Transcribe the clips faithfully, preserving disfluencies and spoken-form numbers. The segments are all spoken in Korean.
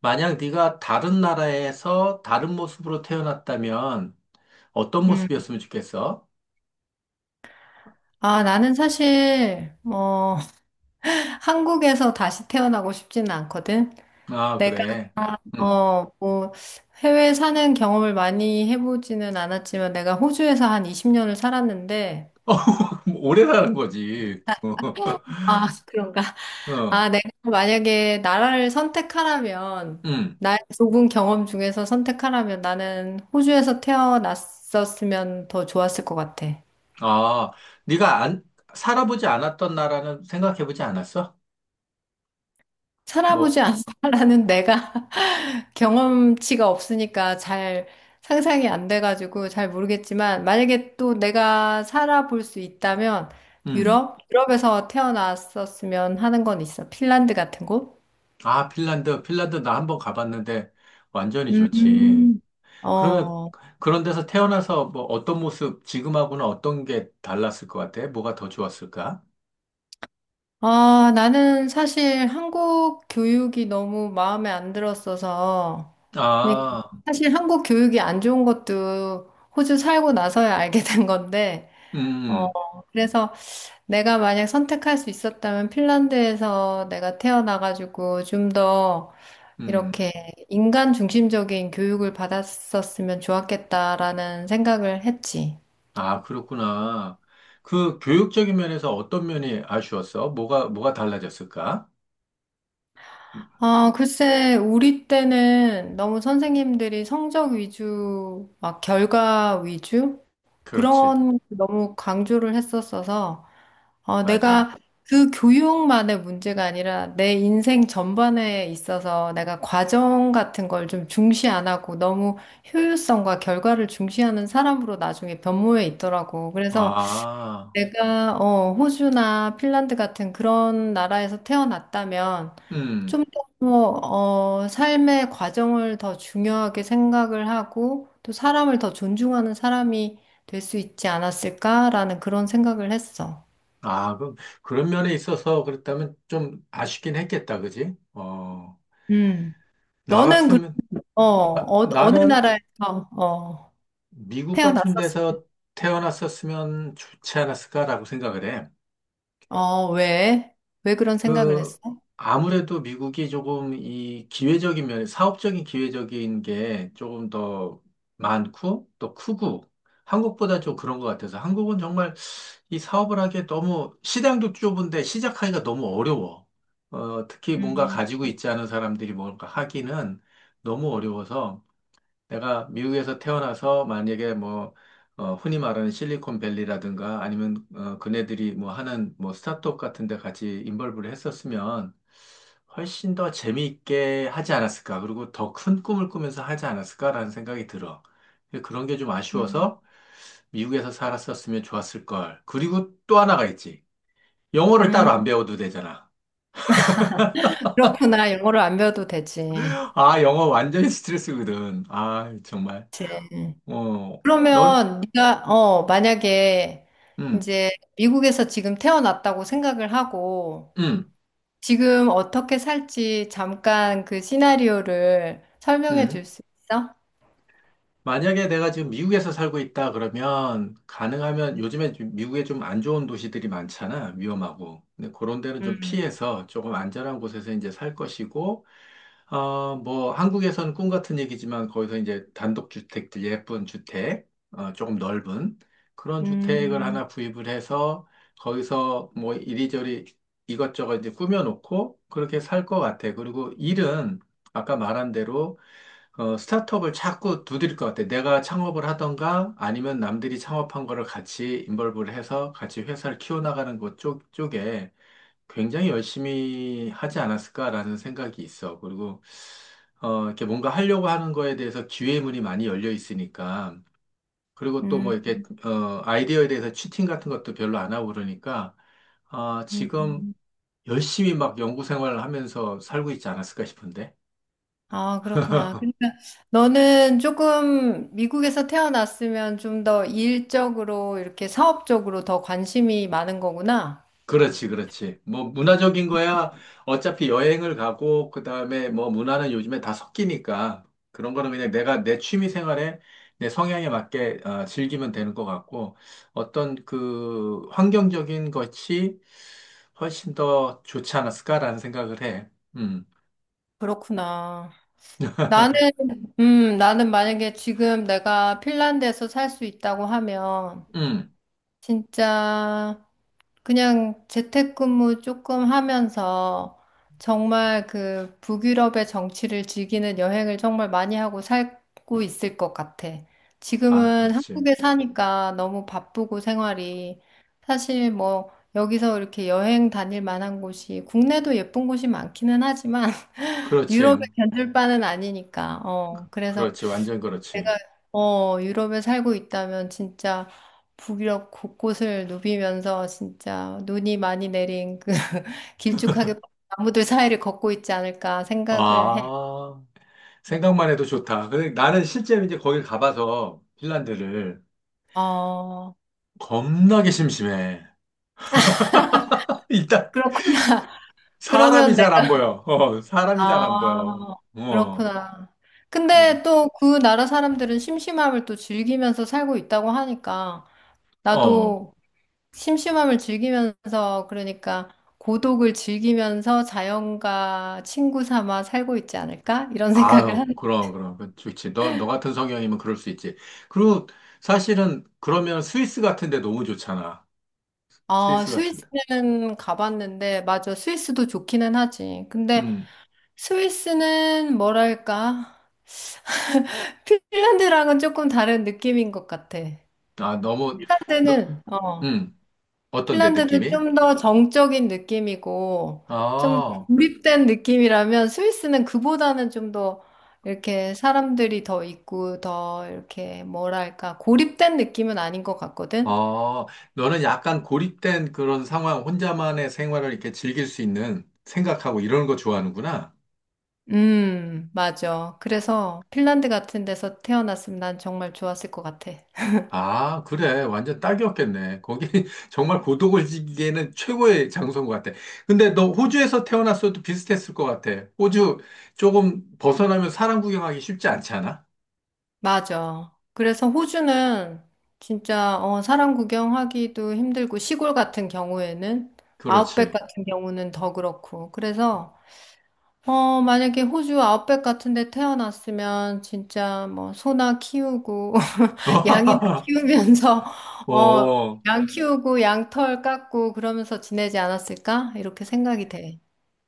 만약 네가 다른 나라에서 다른 모습으로 태어났다면 어떤 음. 모습이었으면 좋겠어? 아, 나는 사실, 어, 한국에서 다시 태어나고 싶지는 않거든. 아, 내가, 그래. 응. 어, 뭐, 해외 사는 경험을 많이 해보지는 않았지만, 내가 호주에서 한 이십 년을 살았는데, 어, 오래 사는 거지. 어, 아, 그런가? 어, 아, 내가 만약에 나라를 선택하라면, 응. 나의 좁은 경험 중에서 선택하라면 나는 호주에서 태어났었으면 더 좋았을 것 같아. 아, 네가 안, 살아보지 않았던 나라는 생각해보지 않았어? 살아보지 뭐, 않았다라는 내가. 경험치가 없으니까 잘 상상이 안 돼가지고 잘 모르겠지만 만약에 또 내가 살아볼 수 있다면 음. 유럽? 유럽에서 태어났었으면 하는 건 있어. 핀란드 같은 곳? 아, 핀란드, 핀란드 나 한번 가봤는데 완전히 좋지. 음. 그러면 어. 그런 데서 태어나서 뭐 어떤 모습, 지금하고는 어떤 게 달랐을 것 같아? 뭐가 더 좋았을까? 아, 나는 사실 한국 교육이 너무 마음에 안 들었어서 니 아. 사실 한국 교육이 안 좋은 것도 호주 살고 나서야 알게 된 건데 어, 음, 그래서 내가 만약 선택할 수 있었다면 핀란드에서 내가 태어나가지고 좀 더 음. 이렇게 인간 중심적인 교육을 받았었으면 좋았겠다라는 생각을 했지. 아, 그렇구나. 그 교육적인 면에서 어떤 면이 아쉬웠어? 뭐가, 뭐가 달라졌을까? 아, 글쎄, 우리 때는 너무 선생님들이 성적 위주, 막 결과 위주? 그렇지, 그런 걸 너무 강조를 했었어서 어, 맞아. 내가 그 교육만의 문제가 아니라 내 인생 전반에 있어서 내가 과정 같은 걸 좀 중시 안 하고 너무 효율성과 결과를 중시하는 사람으로 나중에 변모해 있더라고. 그래서 아, 내가 어, 호주나 핀란드 같은 그런 나라에서 태어났다면 음. 좀 더, 어, 어, 삶의 과정을 더 중요하게 생각을 하고 또 사람을 더 존중하는 사람이 될 수 있지 않았을까라는 그런 생각을 했어. 아, 그럼 그런 면에 있어서 그렇다면 좀 아쉽긴 했겠다, 그지? 어, 음. 나 너는 그, 같으면, 어, 나, 어, 어느 나는 나라에서 어, 미국 태어났었어? 같은 데서 태어났었으면 좋지 않았을까라고 생각을 해. 어, 왜? 왜 그런 생각을 그, 했어? 아무래도 미국이 조금 이 기회적인 면, 사업적인 기회적인 게 조금 더 많고 또 크고 한국보다 좀 그런 것 같아서 한국은 정말 이 사업을 하기에 너무 시장도 좁은데 시작하기가 너무 어려워. 어, 특히 뭔가 음, 가지고 있지 않은 사람들이 뭔가 하기는 너무 어려워서 내가 미국에서 태어나서 만약에 뭐, 어, 흔히 말하는 실리콘밸리라든가 아니면 어, 그네들이 뭐 하는 뭐 스타트업 같은 데 같이 인벌브를 했었으면 훨씬 더 재미있게 하지 않았을까. 그리고 더 큰 꿈을 꾸면서 하지 않았을까라는 생각이 들어. 그런 게 좀 음, 아쉬워서 미국에서 살았었으면 좋았을 걸. 그리고 또 하나가 있지. 영어를 음, 따로 안 배워도 되잖아. 그렇구나. 영어를 안 배워도 되지. 아, 영어 완전히 스트레스거든. 아, 정말. 그치. 어, 넌, 그러면 네가 어, 만약에 음, 이제 미국에서 지금 태어났다고 생각을 하고 음, 지금 어떻게 살지 잠깐 그 시나리오를 설명해 줄 음. 수 있어? 만약에 내가 지금 미국에서 살고 있다 그러면 가능하면 요즘에 좀 미국에 좀 안 좋은 도시들이 많잖아. 위험하고. 근데 그런 데는 좀 음, 피해서 조금 안전한 곳에서 이제 살 것이고, 어, 뭐 한국에서는 꿈 같은 얘기지만 거기서 이제 단독주택들, 예쁜 주택, 어, 조금 넓은 그런 주택을 음, 하나 구입을 해서 거기서 뭐 이리저리 이것저것 이제 꾸며놓고 그렇게 살 것 같아. 그리고 일은 아까 말한 대로 어, 스타트업을 자꾸 두드릴 것 같아. 내가 창업을 하던가 아니면 남들이 창업한 거를 같이 인벌브를 해서 같이 회사를 키워나가는 것 쪽, 쪽에 굉장히 열심히 하지 않았을까라는 생각이 있어. 그리고, 어, 이렇게 뭔가 하려고 하는 거에 대해서 기회의 문이 많이 열려 있으니까. 그리고 또 음, 뭐 이렇게, 어, 아이디어에 대해서 치팅 같은 것도 별로 안 하고 그러니까, 아, 음. 지금 음. 열심히 막 연구 생활을 하면서 살고 있지 않았을까 싶은데. 아, 그렇구나. 그러니까 너는 조금 미국에서 태어났으면 좀 더 일적으로 이렇게 사업적으로 더 관심이 많은 거구나. 그렇지, 그렇지. 뭐, 문화적인 거야. 어차피 여행을 가고, 그 다음에 뭐, 문화는 요즘에 다 섞이니까. 그런 거는 그냥 내가 내 취미 생활에 내 성향에 맞게 어, 즐기면 되는 것 같고, 어떤 그 환경적인 것이 훨씬 더 좋지 않았을까라는 생각을 해. 음, 그렇구나. 나는, 음, 나는 만약에 지금 내가 핀란드에서 살 수 있다고 하면 음. 진짜 그냥 재택근무 조금 하면서 정말 그 북유럽의 정치를 즐기는 여행을 정말 많이 하고 살고 있을 것 같아. 아, 지금은 그렇지. 한국에 사니까 너무 바쁘고 생활이 사실 뭐 여기서 이렇게 여행 다닐 만한 곳이 국내도 예쁜 곳이 많기는 하지만 그렇지. 유럽에 견줄 바는 아니니까. 어, 그래서 그렇지. 완전 그렇지. 내가 어, 유럽에 살고 있다면 진짜 북유럽 곳곳을 누비면서 진짜 눈이 많이 내린 그 길쭉하게 뻗은 나무들 사이를 걷고 있지 않을까 생각을 해. 아, 생각만 해도 좋다. 근데 나는 실제로 이제 거길 가봐서, 핀란드를. 어, 겁나게 심심해. 일단 그렇군. 사람이 그러면 잘 안 내가, 보여. 어, 사람이 잘 안 아, 보여. 어, 그렇구나. 그래서 근데 또 그 나라 사람들은 심심함을 또 즐기면서 살고 있다고 하니까 어, 나도 심심함을 즐기면서 그러니까 고독을 즐기면서 자연과 친구 삼아 살고 있지 않을까? 이런 생각을 아유, 하는. 그럼 그럼 그 좋지. 너 너 같은 성향이면 그럴 수 있지. 그리고 사실은 그러면 스위스 같은데 너무 좋잖아. 아, 스위스 같은데. 스위스는 가봤는데 맞아. 스위스도 좋기는 하지. 근데 음, 스위스는 뭐랄까? 핀란드랑은 조금 다른 느낌인 것 같아. 아 너무 너, 핀란드는 어, 음, 어떤데 핀란드는 느낌이? 좀 더 정적인 느낌이고 좀더 아, 고립된 느낌이라면 스위스는 그보다는 좀 더 이렇게 사람들이 더 있고 더 이렇게 뭐랄까 고립된 느낌은 아닌 것 같거든. 아, 너는 약간 고립된 그런 상황, 혼자만의 생활을 이렇게 즐길 수 있는 생각하고 이런 거 좋아하는구나. 음, 맞아. 그래서 핀란드 같은 데서 태어났으면 난 정말 좋았을 것 같아. 아, 그래. 완전 딱이었겠네. 거기 정말 고독을지기에는 최고의 장소인 것 같아. 근데 너 호주에서 태어났어도 비슷했을 것 같아. 호주 조금 벗어나면 사람 구경하기 쉽지 않지 않아? 맞아. 그래서 호주는 진짜 어, 사람 구경하기도 힘들고 시골 같은 경우에는 아웃백 그렇지. 같은 경우는 더 그렇고 그래서 어, 만약에 호주 아웃백 같은 데 태어났으면 진짜 뭐 소나 키우고 양이나 키우면서 어, 어, 양 키우고 양털 깎고 그러면서 지내지 않았을까? 이렇게 생각이 돼.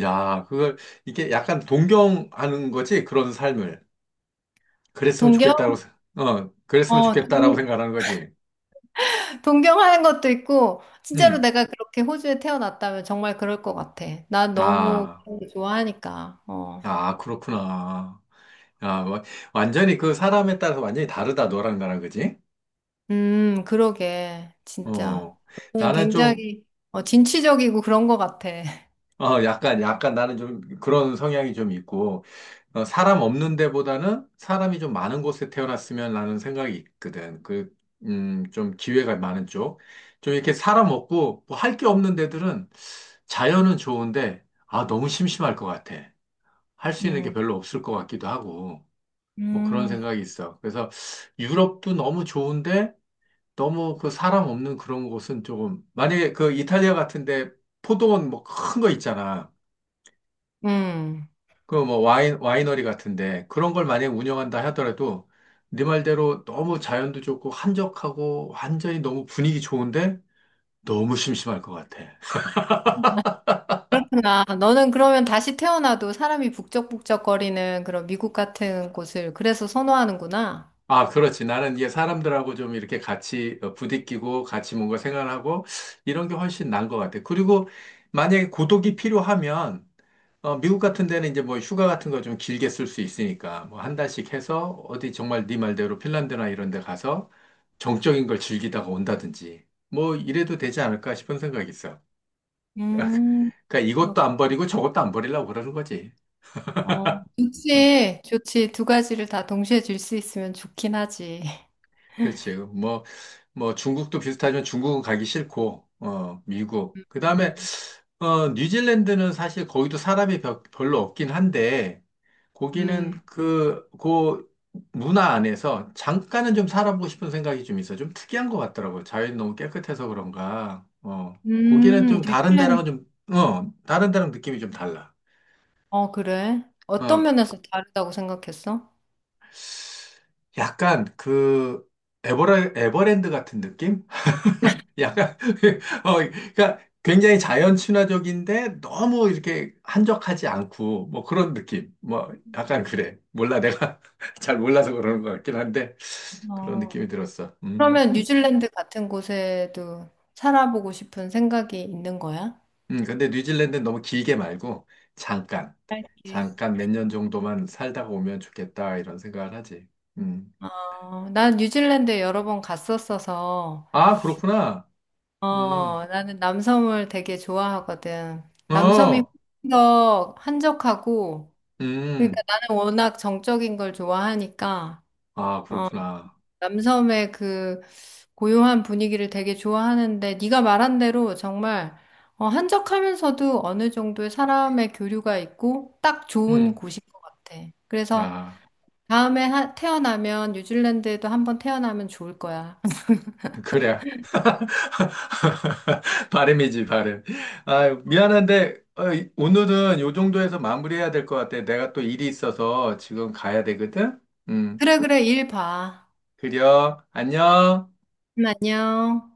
야, 그걸 이게 약간 동경하는 거지. 그런 삶을. 그랬으면 동경? 좋겠다고, 생- 어, 그랬으면 어, 좋겠다라고 동, 생각하는 거지. 동경하는 것도 있고 진짜로 음, 내가 그렇게 호주에 태어났다면 정말 그럴 것 같아. 난 너무 아, 그런 거 좋아하니까. 어. 아, 그렇구나. 아 와- 완전히 그 사람에 따라서 완전히 다르다, 너랑 나랑, 그지? 음, 그러게. 진짜. 어, 그냥 나는 좀, 굉장히 어, 진취적이고 그런 것 같아. 어, 약간, 약간 나는 좀 그런 성향이 좀 있고, 어, 사람 없는 데보다는 사람이 좀 많은 곳에 태어났으면 라는 생각이 있거든. 그, 음, 좀 기회가 많은 쪽. 좀 이렇게 사람 없고, 뭐 할 게 없는 데들은 자연은 좋은데, 아, 너무 심심할 것 같아. 할 수 있는 게 음. 별로 없을 것 같기도 하고, 뭐 그런 음. 생각이 있어. 그래서 유럽도 너무 좋은데, 너무 그 사람 없는 그런 곳은 조금 만약에 그 이탈리아 같은데 포도원 뭐 큰 거 있잖아. 음. 그 뭐 와인 와이너리 같은데 그런 걸 만약에 운영한다 하더라도 네 말대로 너무 자연도 좋고 한적하고 완전히 너무 분위기 좋은데 너무 심심할 것 같아. 그렇구나. 너는 그러면 다시 태어나도 사람이 북적북적거리는 그런 미국 같은 곳을 그래서 선호하는구나. 아, 그렇지. 나는 이게 사람들하고 좀 이렇게 같이 어, 부딪히고 같이 뭔가 생활하고 이런 게 훨씬 나은 것 같아. 그리고 만약에 고독이 필요하면 어, 미국 같은 데는 이제 뭐 휴가 같은 거 좀 길게 쓸 수 있으니까 뭐 한 달씩 해서 어디 정말 네 말대로 핀란드나 이런 데 가서 정적인 걸 즐기다가 온다든지 뭐 이래도 되지 않을까 싶은 생각이 있어. 음, 그러니까 그렇 이것도 안 버리고 저것도 안 버리려고 그러는 거지. 어, 응. 좋지. 좋지. 두 가지를 다 동시에 줄 수 있으면 좋긴 하지. 그렇지. 뭐, 뭐 중국도 비슷하지만 중국은 가기 싫고, 어, 미국. 그 다음에, 어, 뉴질랜드는 사실 거기도 사람이 벼- 별로 없긴 한데, 거기는 음, 그, 그 문화 안에서 잠깐은 좀 살아보고 싶은 생각이 좀 있어. 좀 특이한 것 같더라고요. 자연이 너무 깨끗해서 그런가. 어, 거기는 음, 좀 다른 데랑은 뉴질랜드. 좀, 어, 다른 데랑 느낌이 좀 달라. 어, 그래. 어떤 어, 면에서 다르다고 생각했어? 약간 그 에버랜, 에버랜드 같은 느낌? 약간, 어, 그러니까 굉장히 자연 친화적인데 너무 이렇게 한적하지 않고 뭐 그런 느낌. 뭐 약간 그래. 몰라. 내가 잘 몰라서 그러는 것 같긴 한데 그런 어. 느낌이 들었어. 음. 그러면 뉴질랜드 같은 곳에도 살아보고 싶은 생각이 있는 거야? 음, 근데 뉴질랜드는 너무 길게 말고 잠깐, 잠깐 몇 년 정도만 살다가 오면 좋겠다 이런 생각을 하지. 음. 어, 난 뉴질랜드 여러 번 갔었어서, 아, 그렇구나. 음. 어, 나는 남섬을 되게 좋아하거든. 남섬이 어, 훨씬 더 한적하고, 음. 그러니까 나는 워낙 정적인 걸 좋아하니까, 아, 어, 그렇구나. 남섬의 그 고요한 분위기를 되게 좋아하는데, 네가 말한 대로 정말, 어, 한적하면서도 어느 정도의 사람의 교류가 있고, 딱 좋은 음. 곳인 것 같아. 그래서 아, 다음에 하- 태어나면, 뉴질랜드에도 한번 태어나면 좋을 거야. 그래. 발음이지, 발음. 아, 미안한데, 어, 이- 오늘은 요 정도에서 마무리해야 될 것 같아. 내가 또 일이 있어서 지금 가야 되거든? 음, 그래, 그래, 일 봐. 그려. 안녕. 음, 안녕.